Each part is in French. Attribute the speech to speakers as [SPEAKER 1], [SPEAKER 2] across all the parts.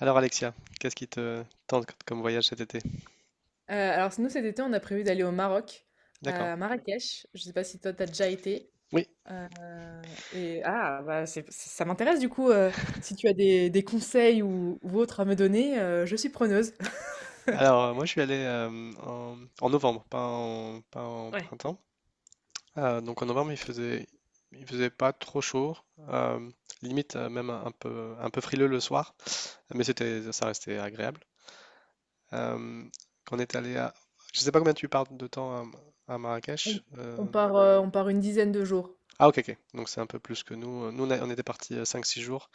[SPEAKER 1] Alors Alexia, qu'est-ce qui te tente comme voyage cet été?
[SPEAKER 2] Alors nous cet été, on a prévu d'aller au Maroc,
[SPEAKER 1] D'accord.
[SPEAKER 2] à Marrakech. Je sais pas si toi t'as déjà été?
[SPEAKER 1] Oui.
[SPEAKER 2] Heu et ah bah, c'est ça m'intéresse du coup, si tu as des conseils ou autres à me donner, je suis preneuse.
[SPEAKER 1] Alors moi je suis allé en novembre, pas en
[SPEAKER 2] Ouais.
[SPEAKER 1] printemps. Donc en novembre il faisait pas trop chaud, euh, limite même un peu frileux le soir, mais c'était ça restait agréable. Euh, Quand on est allé à, je sais pas combien tu pars de temps à
[SPEAKER 2] On
[SPEAKER 1] Marrakech.
[SPEAKER 2] on part, heu, on part une dizaine de jours.
[SPEAKER 1] Ah, ok, ok, donc c'est un peu plus que nous. Nous, on était partis 5 6 jours.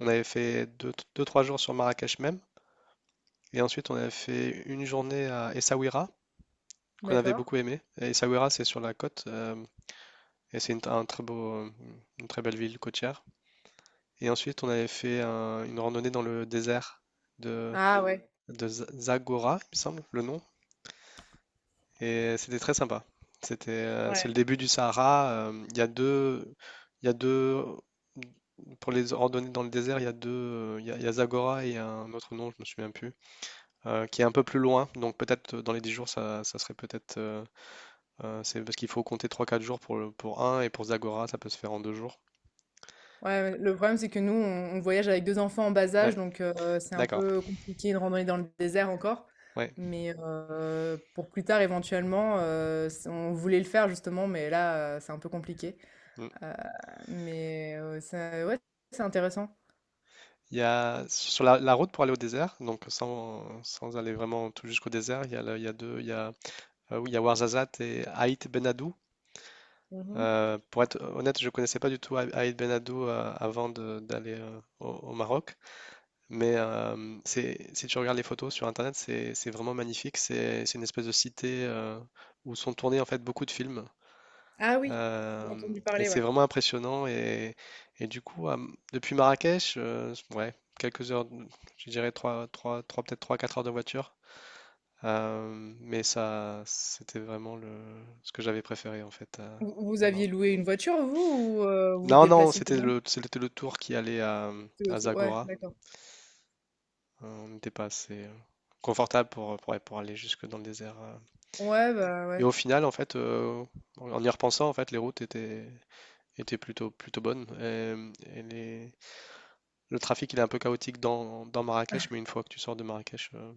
[SPEAKER 1] On avait fait 2 3 jours sur Marrakech même. Et ensuite, on a fait une journée à Essaouira, qu'on avait
[SPEAKER 2] D'accord.
[SPEAKER 1] beaucoup aimé. Et Essaouira, c'est sur la côte, et c'est une très belle ville côtière. Et ensuite, on avait fait une randonnée dans le désert de,
[SPEAKER 2] Ah ouais.
[SPEAKER 1] de Zagora, il me semble, le nom. Et c'était très sympa. C'est le
[SPEAKER 2] Ouais.
[SPEAKER 1] début du Sahara. Il y a deux, il y a deux, Pour les randonnées dans le désert, il y a Zagora et il y a un autre nom, je me souviens plus, qui est un peu plus loin. Donc peut-être dans les 10 jours, ça serait peut-être C'est parce qu'il faut compter 3 4 jours pour, pour un et pour Zagora, ça peut se faire en 2 jours.
[SPEAKER 2] Ouais, ouais, le problème, c'est que nous, on voyage avec 2 enfants en bas âge,
[SPEAKER 1] Ouais,
[SPEAKER 2] donc c'est un
[SPEAKER 1] d'accord.
[SPEAKER 2] peu compliqué de randonner dans le désert encore.
[SPEAKER 1] Ouais.
[SPEAKER 2] Mais pour plus tard, éventuellement, s on voulait le faire justement, mais là, c'est un peu compliqué.
[SPEAKER 1] Mm.
[SPEAKER 2] Heu, mais ça ouais, c'est intéressant.
[SPEAKER 1] Sur la route pour aller au désert, donc sans aller vraiment tout jusqu'au désert, oui, il y a Ouarzazate et Aït Ben Haddou.
[SPEAKER 2] Mmh.
[SPEAKER 1] Pour être honnête, je ne connaissais pas du tout Aït Ben Haddou avant d'aller au Maroc, mais si tu regardes les photos sur Internet, c'est vraiment magnifique. C'est une espèce de cité où sont tournés en fait beaucoup de films.
[SPEAKER 2] Ah oui, j'ai
[SPEAKER 1] Euh,
[SPEAKER 2] entendu
[SPEAKER 1] et
[SPEAKER 2] parler,
[SPEAKER 1] c'est
[SPEAKER 2] ouais.
[SPEAKER 1] vraiment impressionnant. Et du coup, depuis Marrakech, ouais, quelques heures, je dirais trois trois trois peut-être 3 4 heures de voiture. Mais ça, c'était vraiment ce que j'avais préféré en fait, à-
[SPEAKER 2] Vous
[SPEAKER 1] au
[SPEAKER 2] aviez
[SPEAKER 1] Maroc.
[SPEAKER 2] loué une voiture, vous, ou vous vous
[SPEAKER 1] Non, non,
[SPEAKER 2] déplaciez
[SPEAKER 1] c'était
[SPEAKER 2] comment?
[SPEAKER 1] le, c'était le tour qui allait à,
[SPEAKER 2] Tout le
[SPEAKER 1] à
[SPEAKER 2] tour, ouais,
[SPEAKER 1] Zagora.
[SPEAKER 2] d'accord.
[SPEAKER 1] On n'était pas assez confortable pour aller jusque dans le désert.
[SPEAKER 2] Ouais, bah,
[SPEAKER 1] Et
[SPEAKER 2] ouais.
[SPEAKER 1] au final, en fait, en y repensant, en fait, les routes étaient plutôt bonnes. Le trafic, il est un peu chaotique dans Marrakech, mais une fois que tu sors de Marrakech,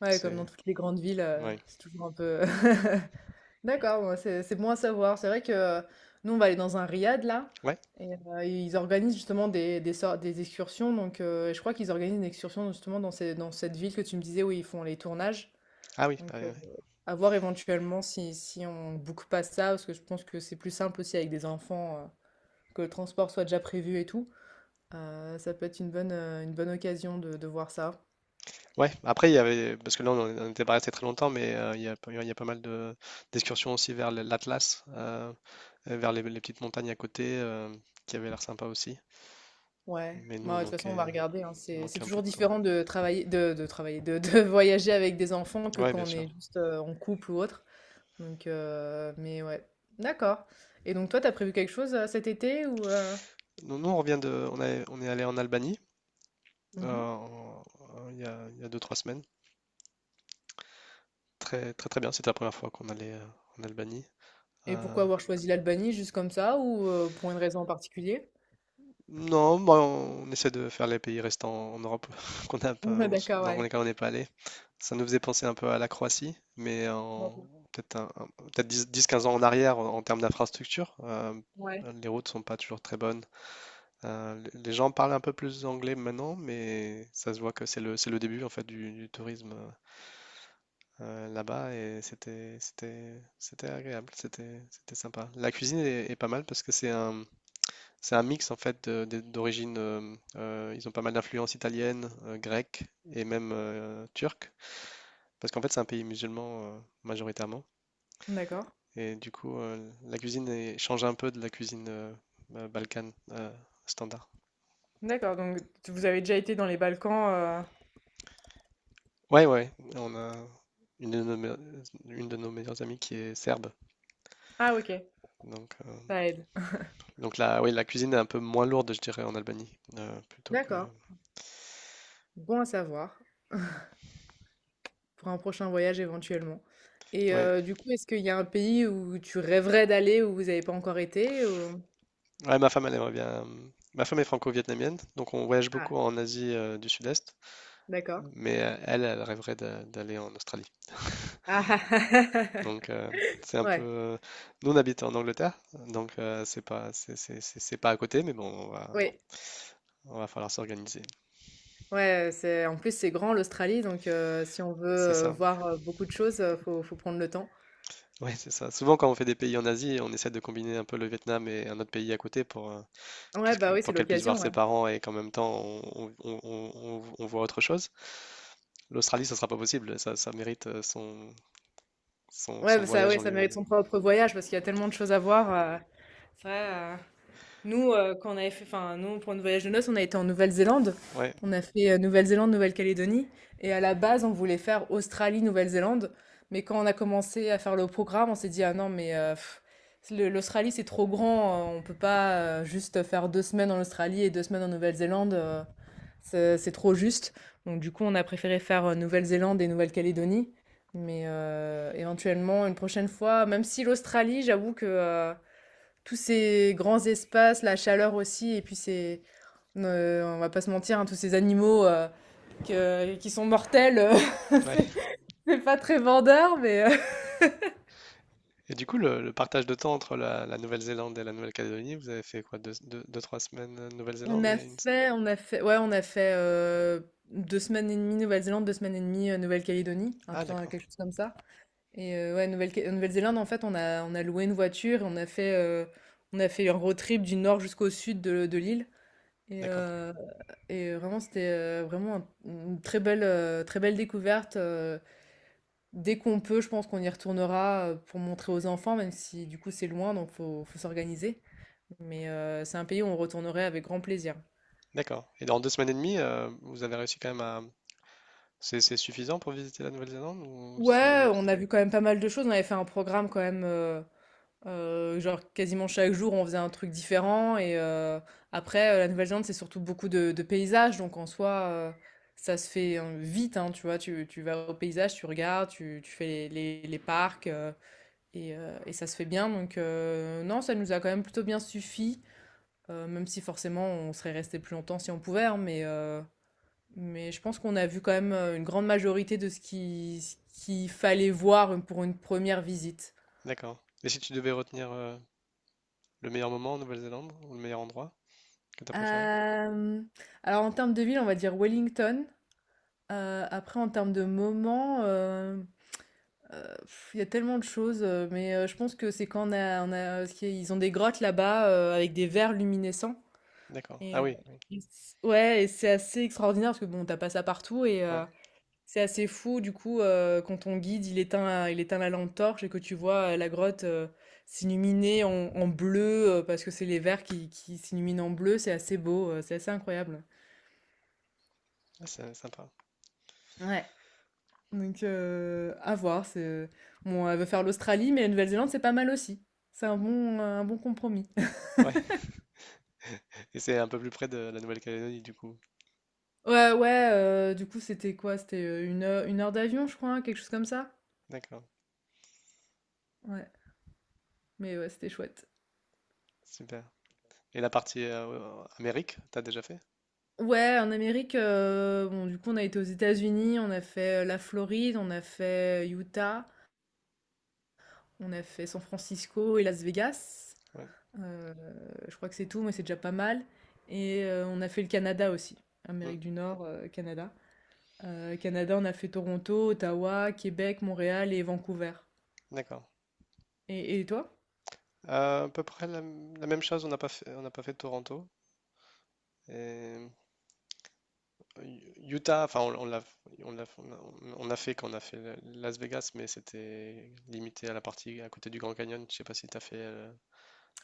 [SPEAKER 2] Ouais, comme dans
[SPEAKER 1] c'est...
[SPEAKER 2] toutes les grandes villes,
[SPEAKER 1] Ouais.
[SPEAKER 2] c'est toujours un peu D'accord, ouais, c'est bon à savoir. C'est vrai que nous, on va aller dans un riad là,
[SPEAKER 1] Ouais?
[SPEAKER 2] et ils organisent justement des excursions. Donc, je crois qu'ils organisent une excursion justement dans cette ville que tu me disais où ils font les tournages.
[SPEAKER 1] Ah oui.
[SPEAKER 2] Donc,
[SPEAKER 1] Ouais, ouais.
[SPEAKER 2] à voir éventuellement si on ne boucle pas ça, parce que je pense que c'est plus simple aussi avec des enfants, que le transport soit déjà prévu et tout. Ça peut être une bonne occasion de voir ça.
[SPEAKER 1] Ouais, après, Parce que là, on n'était pas resté très longtemps, mais il y a pas mal de d'excursions aussi vers l'Atlas, et vers les petites montagnes à côté, qui avaient l'air sympa aussi.
[SPEAKER 2] Ouais,
[SPEAKER 1] Mais nous, on
[SPEAKER 2] moi de toute façon, on
[SPEAKER 1] manquait,
[SPEAKER 2] va regarder, hein.
[SPEAKER 1] on
[SPEAKER 2] C'est
[SPEAKER 1] manquait un peu
[SPEAKER 2] toujours
[SPEAKER 1] de temps.
[SPEAKER 2] différent de voyager avec des enfants que
[SPEAKER 1] Ouais, bien
[SPEAKER 2] quand on
[SPEAKER 1] sûr.
[SPEAKER 2] est juste en couple ou autre. Donc, mais ouais, d'accord. Et donc, toi, t'as prévu quelque chose cet été ou
[SPEAKER 1] Nous, on revient. On est allé en Albanie
[SPEAKER 2] mhm.
[SPEAKER 1] il y a 2 3 semaines. Très, très, très bien. C'était la première fois qu'on allait en Albanie.
[SPEAKER 2] Et
[SPEAKER 1] Euh,
[SPEAKER 2] pourquoi avoir choisi l'Albanie juste comme ça ou pour une raison en particulier?
[SPEAKER 1] Non, bah, on essaie de faire les pays restants en Europe qu'on n'a pas,
[SPEAKER 2] Ouais, d'accord,
[SPEAKER 1] dans
[SPEAKER 2] ouais.
[SPEAKER 1] lesquels on n'est pas allé. Ça nous faisait penser un peu à la Croatie, mais en
[SPEAKER 2] D'accord.
[SPEAKER 1] peut-être peut-être 10-15 ans en arrière en termes d'infrastructure.
[SPEAKER 2] Ouais.
[SPEAKER 1] Les routes sont pas toujours très bonnes. Les gens parlent un peu plus anglais maintenant, mais ça se voit que c'est le début en fait du tourisme là-bas et c'était agréable, c'était sympa. La cuisine est pas mal parce que c'est un mix en fait d'origine. Ils ont pas mal d'influences italiennes, grecques et même turques, parce qu'en fait c'est un pays musulman majoritairement.
[SPEAKER 2] D'accord.
[SPEAKER 1] Et du coup, la cuisine change un peu de la cuisine balkane standard.
[SPEAKER 2] D'accord, donc vous avez déjà été dans les Balkans.
[SPEAKER 1] Ouais, ouais. On a une de nos, me- une de nos meilleures amies qui est serbe,
[SPEAKER 2] Ah, ok,
[SPEAKER 1] donc euh,
[SPEAKER 2] ça aide.
[SPEAKER 1] donc là, oui, la cuisine est un peu moins lourde, je dirais, en Albanie, plutôt que.
[SPEAKER 2] D'accord. Bon à savoir. Pour un prochain voyage éventuellement. Et
[SPEAKER 1] Oui,
[SPEAKER 2] du coup, est-ce qu'il y a un pays où tu rêverais d'aller, où vous n'avez pas encore été ou?
[SPEAKER 1] ouais, ma femme elle aimerait bien. Ma femme est franco-vietnamienne, donc on voyage
[SPEAKER 2] Ah,
[SPEAKER 1] beaucoup en Asie du Sud-Est.
[SPEAKER 2] d'accord.
[SPEAKER 1] Mm. Mais elle rêverait d'aller en Australie.
[SPEAKER 2] Ah
[SPEAKER 1] Donc c'est un peu.
[SPEAKER 2] ouais,
[SPEAKER 1] Nous on habite en Angleterre, donc c'est pas c'est c'est pas à côté, mais bon, on va
[SPEAKER 2] oui,
[SPEAKER 1] on va falloir s'organiser.
[SPEAKER 2] ouais, c'est en plus, c'est grand l'Australie donc si on
[SPEAKER 1] C'est
[SPEAKER 2] veut,
[SPEAKER 1] ça.
[SPEAKER 2] voir, beaucoup de choses, faut prendre le temps.
[SPEAKER 1] Oui, c'est ça. Souvent quand on fait des pays en Asie, on essaie de combiner un peu le Vietnam et un autre pays à côté pour
[SPEAKER 2] Ouais, bah,
[SPEAKER 1] puisque
[SPEAKER 2] oui,
[SPEAKER 1] pour
[SPEAKER 2] c'est
[SPEAKER 1] qu'elle puisse voir
[SPEAKER 2] l'occasion, ouais.
[SPEAKER 1] ses parents et qu'en même temps on voit autre chose. L'Australie, ça sera pas possible. Ça mérite son son,
[SPEAKER 2] Ouais,
[SPEAKER 1] son
[SPEAKER 2] bah, ça
[SPEAKER 1] voyage
[SPEAKER 2] ouais,
[SPEAKER 1] en
[SPEAKER 2] ça mérite
[SPEAKER 1] lui-même.
[SPEAKER 2] son propre voyage parce qu'il y a tellement de choses à voir, c'est vrai. Nous, quand on avait fait, enfin, nous, pour notre voyage de noces, on a été en Nouvelle-Zélande.
[SPEAKER 1] Ouais,
[SPEAKER 2] On a fait Nouvelle-Zélande, Nouvelle-Calédonie. Et à la base, on voulait faire Australie, Nouvelle-Zélande. Mais quand on a commencé à faire le programme, on s'est dit, ah non, mais l'Australie, c'est trop grand. On peut pas juste faire 2 semaines en Australie et 2 semaines en Nouvelle-Zélande. C'est trop juste. Donc, du coup, on a préféré faire Nouvelle-Zélande et Nouvelle-Calédonie. Mais éventuellement, une prochaine fois, même si l'Australie, j'avoue que... tous ces grands espaces, la chaleur aussi, et puis ces, on va pas se mentir, hein, tous ces animaux qui sont mortels,
[SPEAKER 1] ouais.
[SPEAKER 2] c'est c'est pas très vendeur, mais
[SPEAKER 1] Et du coup, le partage de temps entre la Nouvelle-Zélande et la Nouvelle-Calédonie, vous avez fait quoi? Deux, 3 semaines Nouvelle-Zélande et
[SPEAKER 2] on a fait, ouais, on a fait 2 semaines et demie Nouvelle-Zélande, 2 semaines et demie Nouvelle-Calédonie, un
[SPEAKER 1] Ah,
[SPEAKER 2] peu
[SPEAKER 1] d'accord,
[SPEAKER 2] quelque chose comme ça. Et ouais, Nouvelle-Zélande, en fait, on a loué une voiture et on a fait un road trip du nord jusqu'au sud de l'île. Et
[SPEAKER 1] d'accord,
[SPEAKER 2] euh, Et vraiment, c'était vraiment une très belle découverte. Dès qu'on peut, je pense qu'on y retournera pour montrer aux enfants, même si du coup c'est loin, donc faut s'organiser. Mais c'est un pays où on retournerait avec grand plaisir.
[SPEAKER 1] d'accord. Et dans 2 semaines et demie, vous avez réussi quand même à... C'est suffisant pour visiter la Nouvelle-Zélande ou c'est...
[SPEAKER 2] Ouais, on a vu quand même pas mal de choses. On avait fait un programme quand même, genre quasiment chaque jour, on faisait un truc différent. Et après, la Nouvelle-Zélande, c'est surtout beaucoup de paysages, donc en soi, ça se fait, hein, vite, hein, tu vois. Tu vas au paysage, tu regardes, tu fais les parcs. Ça se fait bien, donc non, ça nous a quand même plutôt bien suffi, même si forcément on serait resté plus longtemps si on pouvait, hein, mais je pense qu'on a vu quand même une grande majorité de ce qu'il fallait voir pour une première visite.
[SPEAKER 1] D'accord. Et si tu devais retenir le meilleur moment en Nouvelle-Zélande ou le meilleur endroit que tu as préféré?
[SPEAKER 2] Euh, alors en termes de ville, on va dire Wellington. Après, en termes de moment, il y a tellement de choses, mais je pense que c'est quand parce qu'ils ont des grottes là-bas avec des vers luminescents.
[SPEAKER 1] D'accord. Ah
[SPEAKER 2] Et, euh,
[SPEAKER 1] oui, oui.
[SPEAKER 2] ouais, et c'est assez extraordinaire parce que bon, t'as pas ça partout et
[SPEAKER 1] Ouais.
[SPEAKER 2] c'est assez fou du coup quand ton guide il éteint la lampe torche et que tu vois la grotte s'illuminer en bleu parce que c'est les vers qui s'illuminent en bleu, c'est assez beau, c'est assez incroyable.
[SPEAKER 1] Ah, c'est sympa.
[SPEAKER 2] Ouais. Donc à voir. C'est... Bon, elle veut faire l'Australie, mais la Nouvelle-Zélande c'est pas mal aussi. C'est un bon compromis.
[SPEAKER 1] Ouais. Et c'est un peu plus près de la Nouvelle-Calédonie du coup.
[SPEAKER 2] Ouais, ouais, du coup c'était quoi? C'était 1 heure d'avion, je crois, hein, quelque chose comme ça.
[SPEAKER 1] D'accord.
[SPEAKER 2] Ouais, mais ouais, c'était chouette.
[SPEAKER 1] Super. Et la partie Amérique, t'as déjà fait?
[SPEAKER 2] Ouais, en Amérique, bon, du coup, on a été aux États-Unis, on a fait, la Floride, on a fait Utah, on a fait San Francisco et Las Vegas.
[SPEAKER 1] Ouais.
[SPEAKER 2] Heu, je crois que c'est tout, mais c'est déjà pas mal et on a fait le Canada aussi,
[SPEAKER 1] Mm.
[SPEAKER 2] Amérique du Nord, Canada. Canada, on a fait Toronto, Ottawa, Québec, Montréal et Vancouver.
[SPEAKER 1] D'accord.
[SPEAKER 2] Et toi?
[SPEAKER 1] À peu près la même chose, on n'a pas fait Toronto. Et Utah, enfin, on l'a- on a fait quand on a fait Las Vegas, mais c'était limité à la partie à côté du Grand Canyon. Je sais pas si t'as fait,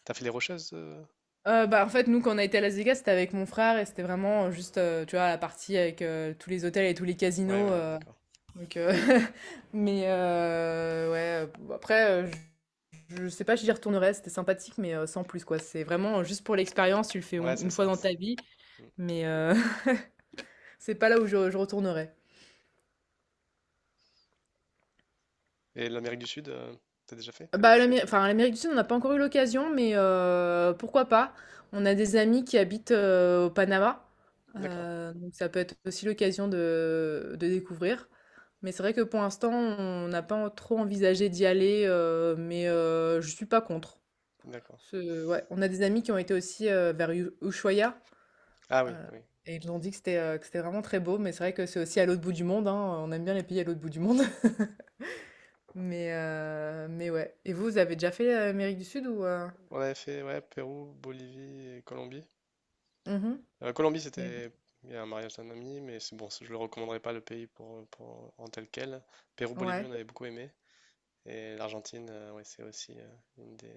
[SPEAKER 1] t'as fait, les Rocheuses.
[SPEAKER 2] Bah, en fait, nous, quand on a été à Las Vegas, c'était avec mon frère et c'était vraiment, juste, tu vois, la partie avec, tous les hôtels et tous les
[SPEAKER 1] Ouais,
[SPEAKER 2] casinos,
[SPEAKER 1] ouais, ouais, d'accord.
[SPEAKER 2] Donc, mais ouais, bon, après, je sais pas si j'y retournerai, c'était sympathique, mais sans plus quoi. C'est vraiment juste pour l'expérience, tu le fais
[SPEAKER 1] Ouais, c'est
[SPEAKER 2] une fois
[SPEAKER 1] ça.
[SPEAKER 2] dans ta vie,
[SPEAKER 1] Mm.
[SPEAKER 2] mais c'est pas là où je retournerai.
[SPEAKER 1] Et l'Amérique du Sud, t'as déjà fait?
[SPEAKER 2] Bah, enfin, à l'Amérique du Sud, on n'a pas encore eu l'occasion, mais pourquoi pas? On a des amis qui habitent au Panama,
[SPEAKER 1] D'accord,
[SPEAKER 2] donc ça peut être aussi l'occasion de découvrir. Mais c'est vrai que pour l'instant, on n'a pas trop envisagé d'y aller, mais je suis pas contre.
[SPEAKER 1] d'accord.
[SPEAKER 2] Ce Ouais, on a des amis qui ont été aussi, vers U Ushuaïa,
[SPEAKER 1] Ah
[SPEAKER 2] heu
[SPEAKER 1] oui, oui.
[SPEAKER 2] et ils ont dit que que c'était vraiment très beau, mais c'est vrai que c'est aussi à l'autre bout du monde, hein, on aime bien les pays à l'autre bout du monde. Mais ouais. Et vous, vous avez déjà fait, Amérique du Sud ou?
[SPEAKER 1] On avait fait, ouais, Pérou, Bolivie et Colombie.
[SPEAKER 2] Mmh.
[SPEAKER 1] Colombie,
[SPEAKER 2] Et
[SPEAKER 1] c'était il y a un mariage d'un ami, mais c'est bon, je le recommanderais pas le pays pour, en tel quel. Pérou, Bolivie,
[SPEAKER 2] ouais.
[SPEAKER 1] on avait beaucoup aimé. Et l'Argentine, ouais, c'est aussi une des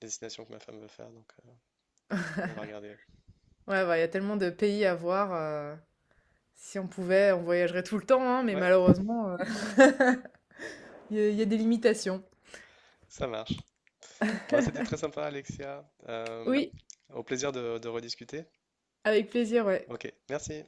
[SPEAKER 1] destinations que ma femme veut faire, donc on va regarder.
[SPEAKER 2] Ouais, bah, il y a tellement de pays à voir, heu, si on pouvait, on voyagerait tout le temps, hein, mais
[SPEAKER 1] Ouais,
[SPEAKER 2] malheureusement, Il y a des limitations.
[SPEAKER 1] ça marche. Bon, c'était très sympa, Alexia.
[SPEAKER 2] Oui,
[SPEAKER 1] Au plaisir de rediscuter.
[SPEAKER 2] avec plaisir, ouais.
[SPEAKER 1] Ok, merci.